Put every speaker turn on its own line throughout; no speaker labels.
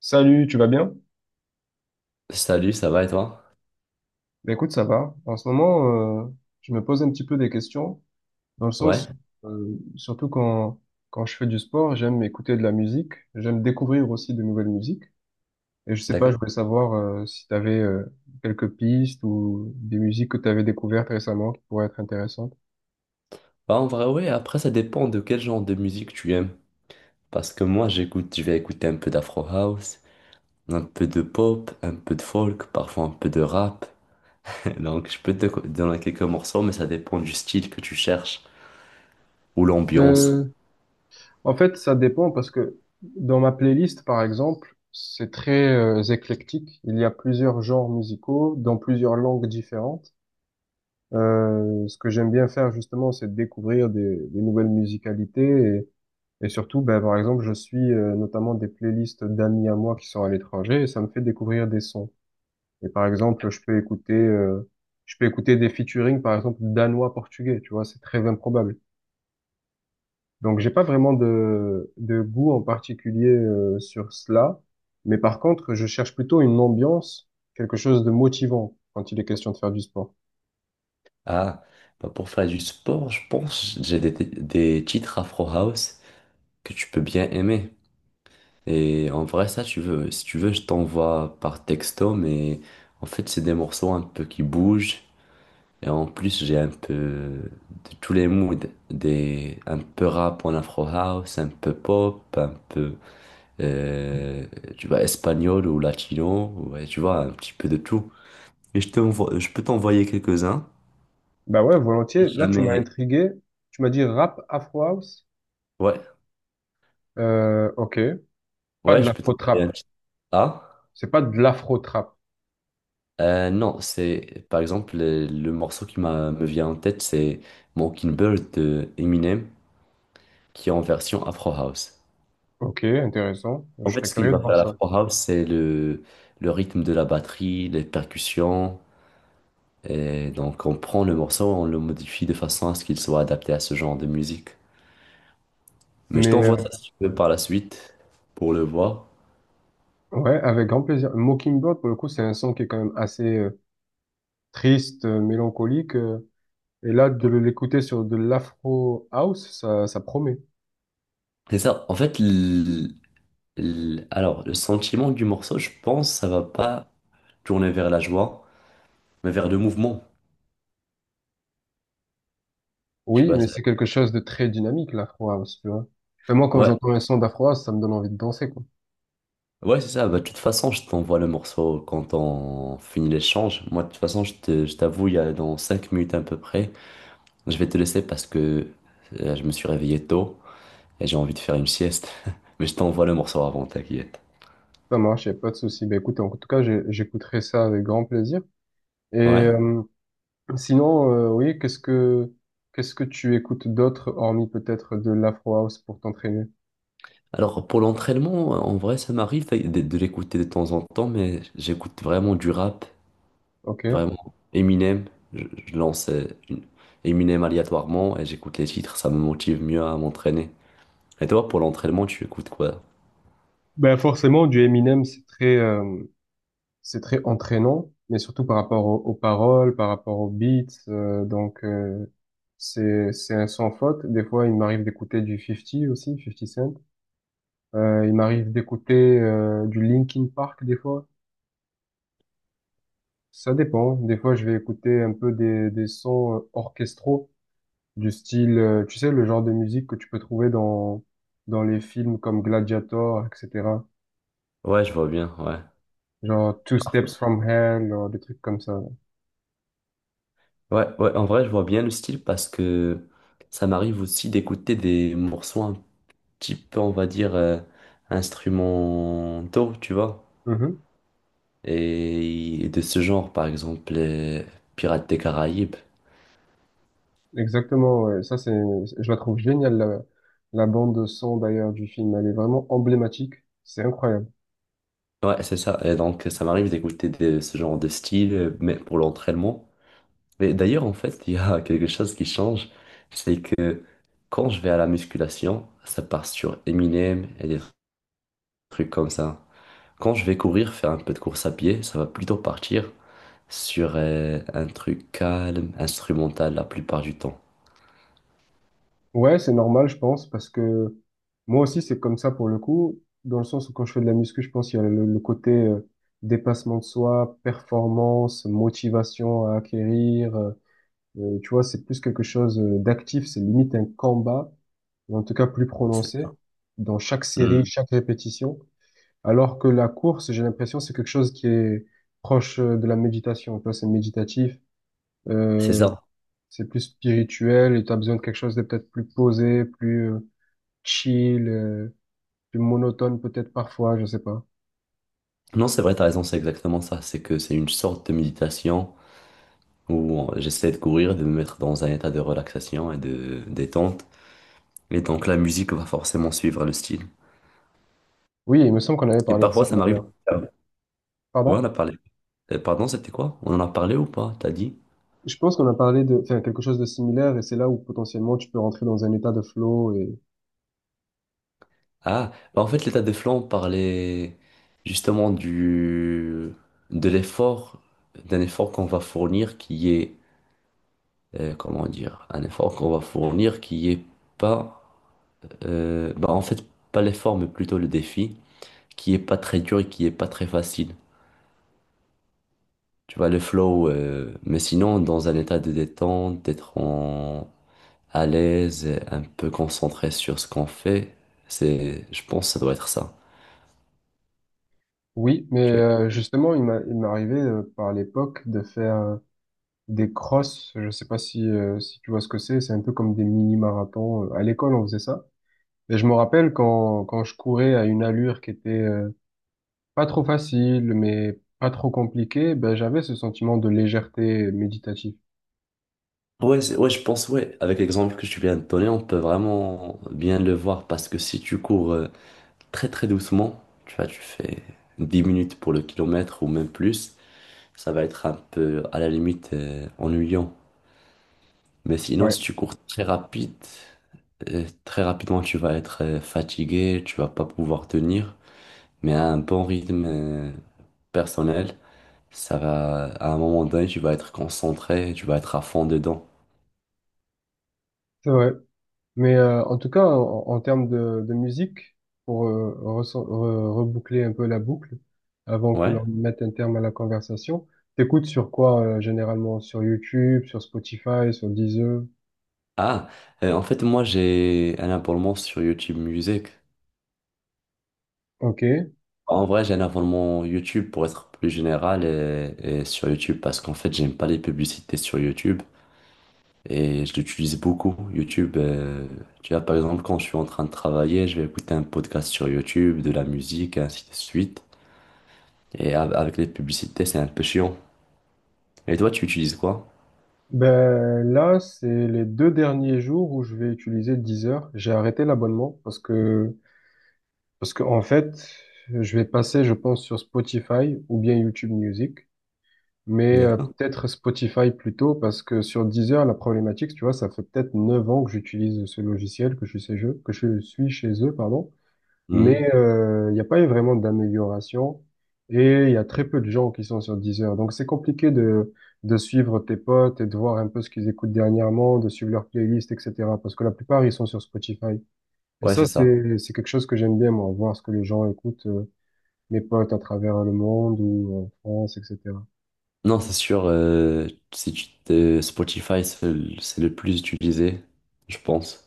Salut, tu vas bien?
Salut, ça va et toi?
Ben écoute, ça va. En ce moment, je me pose un petit peu des questions, dans le sens,
Ouais,
surtout quand je fais du sport, j'aime écouter de la musique, j'aime découvrir aussi de nouvelles musiques. Et je sais pas, je
d'accord.
voulais savoir si tu avais quelques pistes ou des musiques que tu avais découvertes récemment qui pourraient être intéressantes.
Bah, en vrai, ouais, après, ça dépend de quel genre de musique tu aimes. Parce que moi, j'écoute, je vais écouter un peu d'Afro House, un peu de pop, un peu de folk, parfois un peu de rap. Donc, je peux donner quelques morceaux, mais ça dépend du style que tu cherches ou l'ambiance.
Euh, En fait, ça dépend parce que dans ma playlist, par exemple, c'est très éclectique. Il y a plusieurs genres musicaux dans plusieurs langues différentes. Ce que j'aime bien faire justement, c'est de découvrir des nouvelles musicalités et surtout, ben, par exemple, je suis notamment des playlists d'amis à moi qui sont à l'étranger et ça me fait découvrir des sons. Et par exemple, je peux écouter, des featuring, par exemple, danois-portugais, tu vois, c'est très improbable. Donc, j'ai pas vraiment de goût en particulier sur cela, mais par contre, je cherche plutôt une ambiance, quelque chose de motivant quand il est question de faire du sport.
Ah, bah, pour faire du sport, je pense, que j'ai des titres Afro House que tu peux bien aimer. Et en vrai, ça, si tu veux, je t'envoie par texto, mais en fait, c'est des morceaux un peu qui bougent. Et en plus, j'ai un peu de tous les moods, un peu rap en afro house, un peu pop, un peu, euh, tu vois, espagnol ou latino, ouais, tu vois, un petit peu de tout. Et je peux t'envoyer quelques-uns.
Bah ouais,
Si
volontiers. Là, tu m'as
jamais,
intrigué. Tu m'as dit rap Afro House.
ouais,
Ok. Pas de
ouais, je peux
l'afro
t'envoyer
trap.
un petit. Ah,
C'est pas de l'afro trap.
non, c'est, par exemple, le morceau qui me vient en tête, c'est Mockingbird de Eminem, qui est en version afro house.
Ok, intéressant.
En
Je
fait,
serais
ce qu'il
curieux
va
de voir
faire à la
ça.
Afro House, c'est le rythme de la batterie, les percussions. Et donc, on prend le morceau, on le modifie de façon à ce qu'il soit adapté à ce genre de musique. Mais je
Mais
t'envoie ça si tu veux par la suite pour le voir.
ouais, avec grand plaisir. Mockingbird, pour le coup, c'est un son qui est quand même assez triste, mélancolique. Et là, de l'écouter sur de l'afro house, ça promet.
C'est ça. En fait, alors, le sentiment du morceau, je pense, ça va pas tourner vers la joie, mais vers le mouvement. Tu
Oui,
vois,
mais c'est quelque chose de très dynamique, l'afro house, tu vois. Et moi, quand
ouais.
j'entends un son d'afro house, ça me donne envie de danser, quoi.
Ouais, c'est ça. Bah, de toute façon, je t'envoie le morceau quand on finit l'échange. Moi, de toute façon, je t'avoue, il y a dans 5 minutes à peu près. Je vais te laisser parce que je me suis réveillé tôt et j'ai envie de faire une sieste. Mais je t'envoie le morceau avant, t'inquiète.
Ça marche, y a pas de souci. Bah écoute, en tout cas, j'écouterai ça avec grand plaisir. Et
Ouais.
sinon, oui, qu'est-ce que tu écoutes d'autre, hormis peut-être de l'Afro House pour t'entraîner?
Alors pour l'entraînement, en vrai, ça m'arrive de l'écouter de temps en temps, mais j'écoute vraiment du rap,
Ok.
vraiment Eminem. Je lance Eminem aléatoirement et j'écoute les titres, ça me motive mieux à m'entraîner. Et toi, pour l'entraînement, tu écoutes quoi?
Ben forcément, du Eminem, c'est très entraînant, mais surtout par rapport aux paroles, par rapport aux beats. Donc c'est un sans faute. Des fois, il m'arrive d'écouter du 50 aussi, 50 Cent. Il m'arrive d'écouter du Linkin Park des fois. Ça dépend. Des fois, je vais écouter un peu des sons orchestraux du style, tu sais, le genre de musique que tu peux trouver dans les films comme Gladiator, etc.
Ouais, je vois bien, ouais.
Genre Two
Parfait.
Steps from Hell, genre des trucs comme ça.
Ouais, ouais, en vrai, je vois bien le style parce que ça m'arrive aussi d'écouter des morceaux un type, on va dire, instrumentaux, tu vois.
Mhm.
Et de ce genre, par exemple, les Pirates des Caraïbes.
Exactement, ouais. Je la trouve géniale, la bande son d'ailleurs du film. Elle est vraiment emblématique. C'est incroyable.
Ouais, c'est ça. Et donc, ça m'arrive d'écouter de ce genre de style, mais pour l'entraînement. Mais d'ailleurs, en fait, il y a quelque chose qui change, c'est que quand je vais à la musculation, ça part sur Eminem et des trucs comme ça. Quand je vais courir, faire un peu de course à pied, ça va plutôt partir sur un truc calme, instrumental la plupart du temps.
Ouais, c'est normal, je pense, parce que moi aussi, c'est comme ça pour le coup, dans le sens où quand je fais de la muscu, je pense qu'il y a le côté dépassement de soi, performance, motivation à acquérir, tu vois, c'est plus quelque chose d'actif, c'est limite un combat, ou en tout cas plus prononcé, dans chaque série,
Hmm,
chaque répétition. Alors que la course, j'ai l'impression, c'est quelque chose qui est proche de la méditation. Tu vois, c'est méditatif,
c'est
euh,
ça.
c'est plus spirituel, et tu as besoin de quelque chose de peut-être plus posé, plus chill, plus monotone peut-être parfois, je sais pas.
Non, c'est vrai, t'as raison, c'est exactement ça. C'est que c'est une sorte de méditation où j'essaie de courir, de me mettre dans un état de relaxation et de détente. Et donc la musique va forcément suivre le style.
Oui, il me semble qu'on avait
Et
parlé de ça
parfois, ça m'arrive.
d'ailleurs.
Ah, ouais. Ouais, on a
Pardon?
parlé. Pardon, c'était quoi? On en a parlé ou pas? T'as dit?
Je pense qu'on a parlé de enfin, quelque chose de similaire et c'est là où potentiellement tu peux rentrer dans un état de flow et
Ah, bah, en fait, l'état de flow, on parlait justement du de l'effort, d'un effort qu'on va fournir comment dire, un effort qu'on va fournir qui est pas euh, bah en fait, pas l'effort, mais plutôt le défi, qui est pas très dur et qui est pas très facile. Tu vois, le flow, mais sinon, dans un état de détente, d'être en... à l'aise, et un peu concentré sur ce qu'on fait, c'est, je pense, que ça doit être ça.
oui, mais
Tu vois.
justement il m'est arrivé par l'époque de faire des crosses. Je sais pas si si tu vois ce que c'est. C'est un peu comme des mini-marathons. À l'école on faisait ça. Et je me rappelle quand je courais à une allure qui était pas trop facile mais pas trop compliquée, ben j'avais ce sentiment de légèreté méditative.
Ouais, ouais, je pense, ouais, avec l'exemple que tu viens de donner, on peut vraiment bien le voir parce que si tu cours très très doucement, tu vois, tu fais 10 minutes pour le kilomètre ou même plus, ça va être un peu à la limite ennuyant. Mais sinon,
Ouais,
si tu cours très rapide, très rapidement, tu vas être fatigué, tu vas pas pouvoir tenir. Mais à un bon rythme personnel, ça va, à un moment donné, tu vas être concentré, tu vas être à fond dedans.
c'est vrai. Mais en tout cas, en termes de musique, pour reboucler un peu la boucle, avant que
Ouais.
l'on mette un terme à la conversation, t'écoutes sur quoi généralement? Sur YouTube, sur Spotify, sur Deezer?
Ah, en fait, moi, j'ai un abonnement sur YouTube Music.
Ok.
En vrai, j'ai un abonnement YouTube pour être plus général et sur YouTube parce qu'en fait, j'aime pas les publicités sur YouTube. Et je l'utilise beaucoup, YouTube. Tu vois, par exemple, quand je suis en train de travailler, je vais écouter un podcast sur YouTube, de la musique, et ainsi de suite. Et avec les publicités, c'est un peu chiant. Et toi, tu utilises quoi?
Ben là, c'est les deux derniers jours où je vais utiliser Deezer. J'ai arrêté l'abonnement parce que en fait, je vais passer, je pense, sur Spotify ou bien YouTube Music. Mais
D'accord.
peut-être Spotify plutôt, parce que sur Deezer, la problématique, tu vois, ça fait peut-être 9 ans que j'utilise ce logiciel, que je suis chez eux, pardon. Mais
Mhm.
il n'y a pas eu vraiment d'amélioration et il y a très peu de gens qui sont sur Deezer. Donc c'est compliqué de suivre tes potes et de voir un peu ce qu'ils écoutent dernièrement, de suivre leur playlist, etc. Parce que la plupart, ils sont sur Spotify. Et
Ouais, c'est ça.
c'est quelque chose que j'aime bien, moi, voir ce que les gens écoutent, mes potes à travers le monde ou en France, etc.
Non, c'est sûr, si Spotify, c'est le plus utilisé, je pense.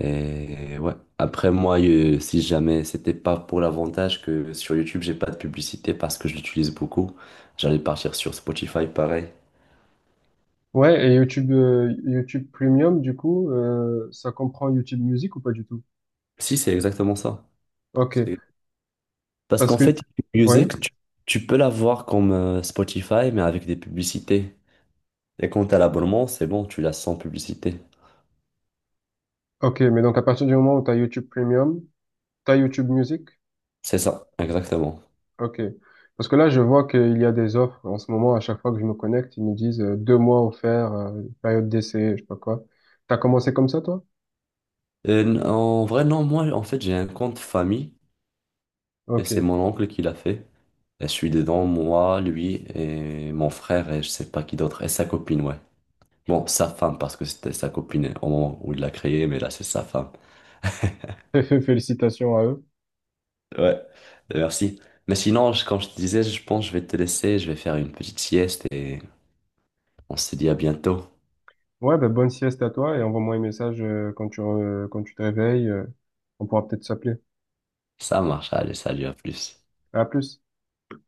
Et ouais. Après, moi, si jamais c'était pas pour l'avantage que sur YouTube, j'ai pas de publicité parce que je l'utilise beaucoup, j'allais partir sur Spotify pareil.
Ouais, et YouTube Premium, du coup, ça comprend YouTube Music ou pas du tout?
Si, c'est exactement ça.
Ok,
C'est- Parce
parce
qu'en
que,
fait, YouTube
ouais,
Music, tu peux l'avoir comme Spotify, mais avec des publicités. Et quand t'as l'abonnement, c'est bon, tu l'as sans publicité.
ok, mais donc à partir du moment où tu as YouTube Premium, tu as YouTube Music?
C'est ça, exactement.
Ok, parce que là, je vois qu'il y a des offres en ce moment, à chaque fois que je me connecte, ils me disent 2 mois offerts, période d'essai, je sais pas quoi. T'as commencé comme ça, toi?
Et en vrai, non, moi, en fait, j'ai un compte famille, et
Ok,
c'est mon oncle qui l'a fait. Et je suis dedans, moi, lui, et mon frère, et je sais pas qui d'autre, et sa copine, ouais. Bon, sa femme, parce que c'était sa copine au moment où il l'a créé, mais là, c'est sa femme.
félicitations à eux.
Ouais, bah, merci. Mais sinon, comme je te disais, je pense que je vais te laisser, je vais faire une petite sieste et on se dit à bientôt.
Ouais, ben bonne sieste à toi et envoie-moi un message quand quand tu te réveilles, on pourra peut-être s'appeler.
Ça marche, allez, salut, à plus.
À plus.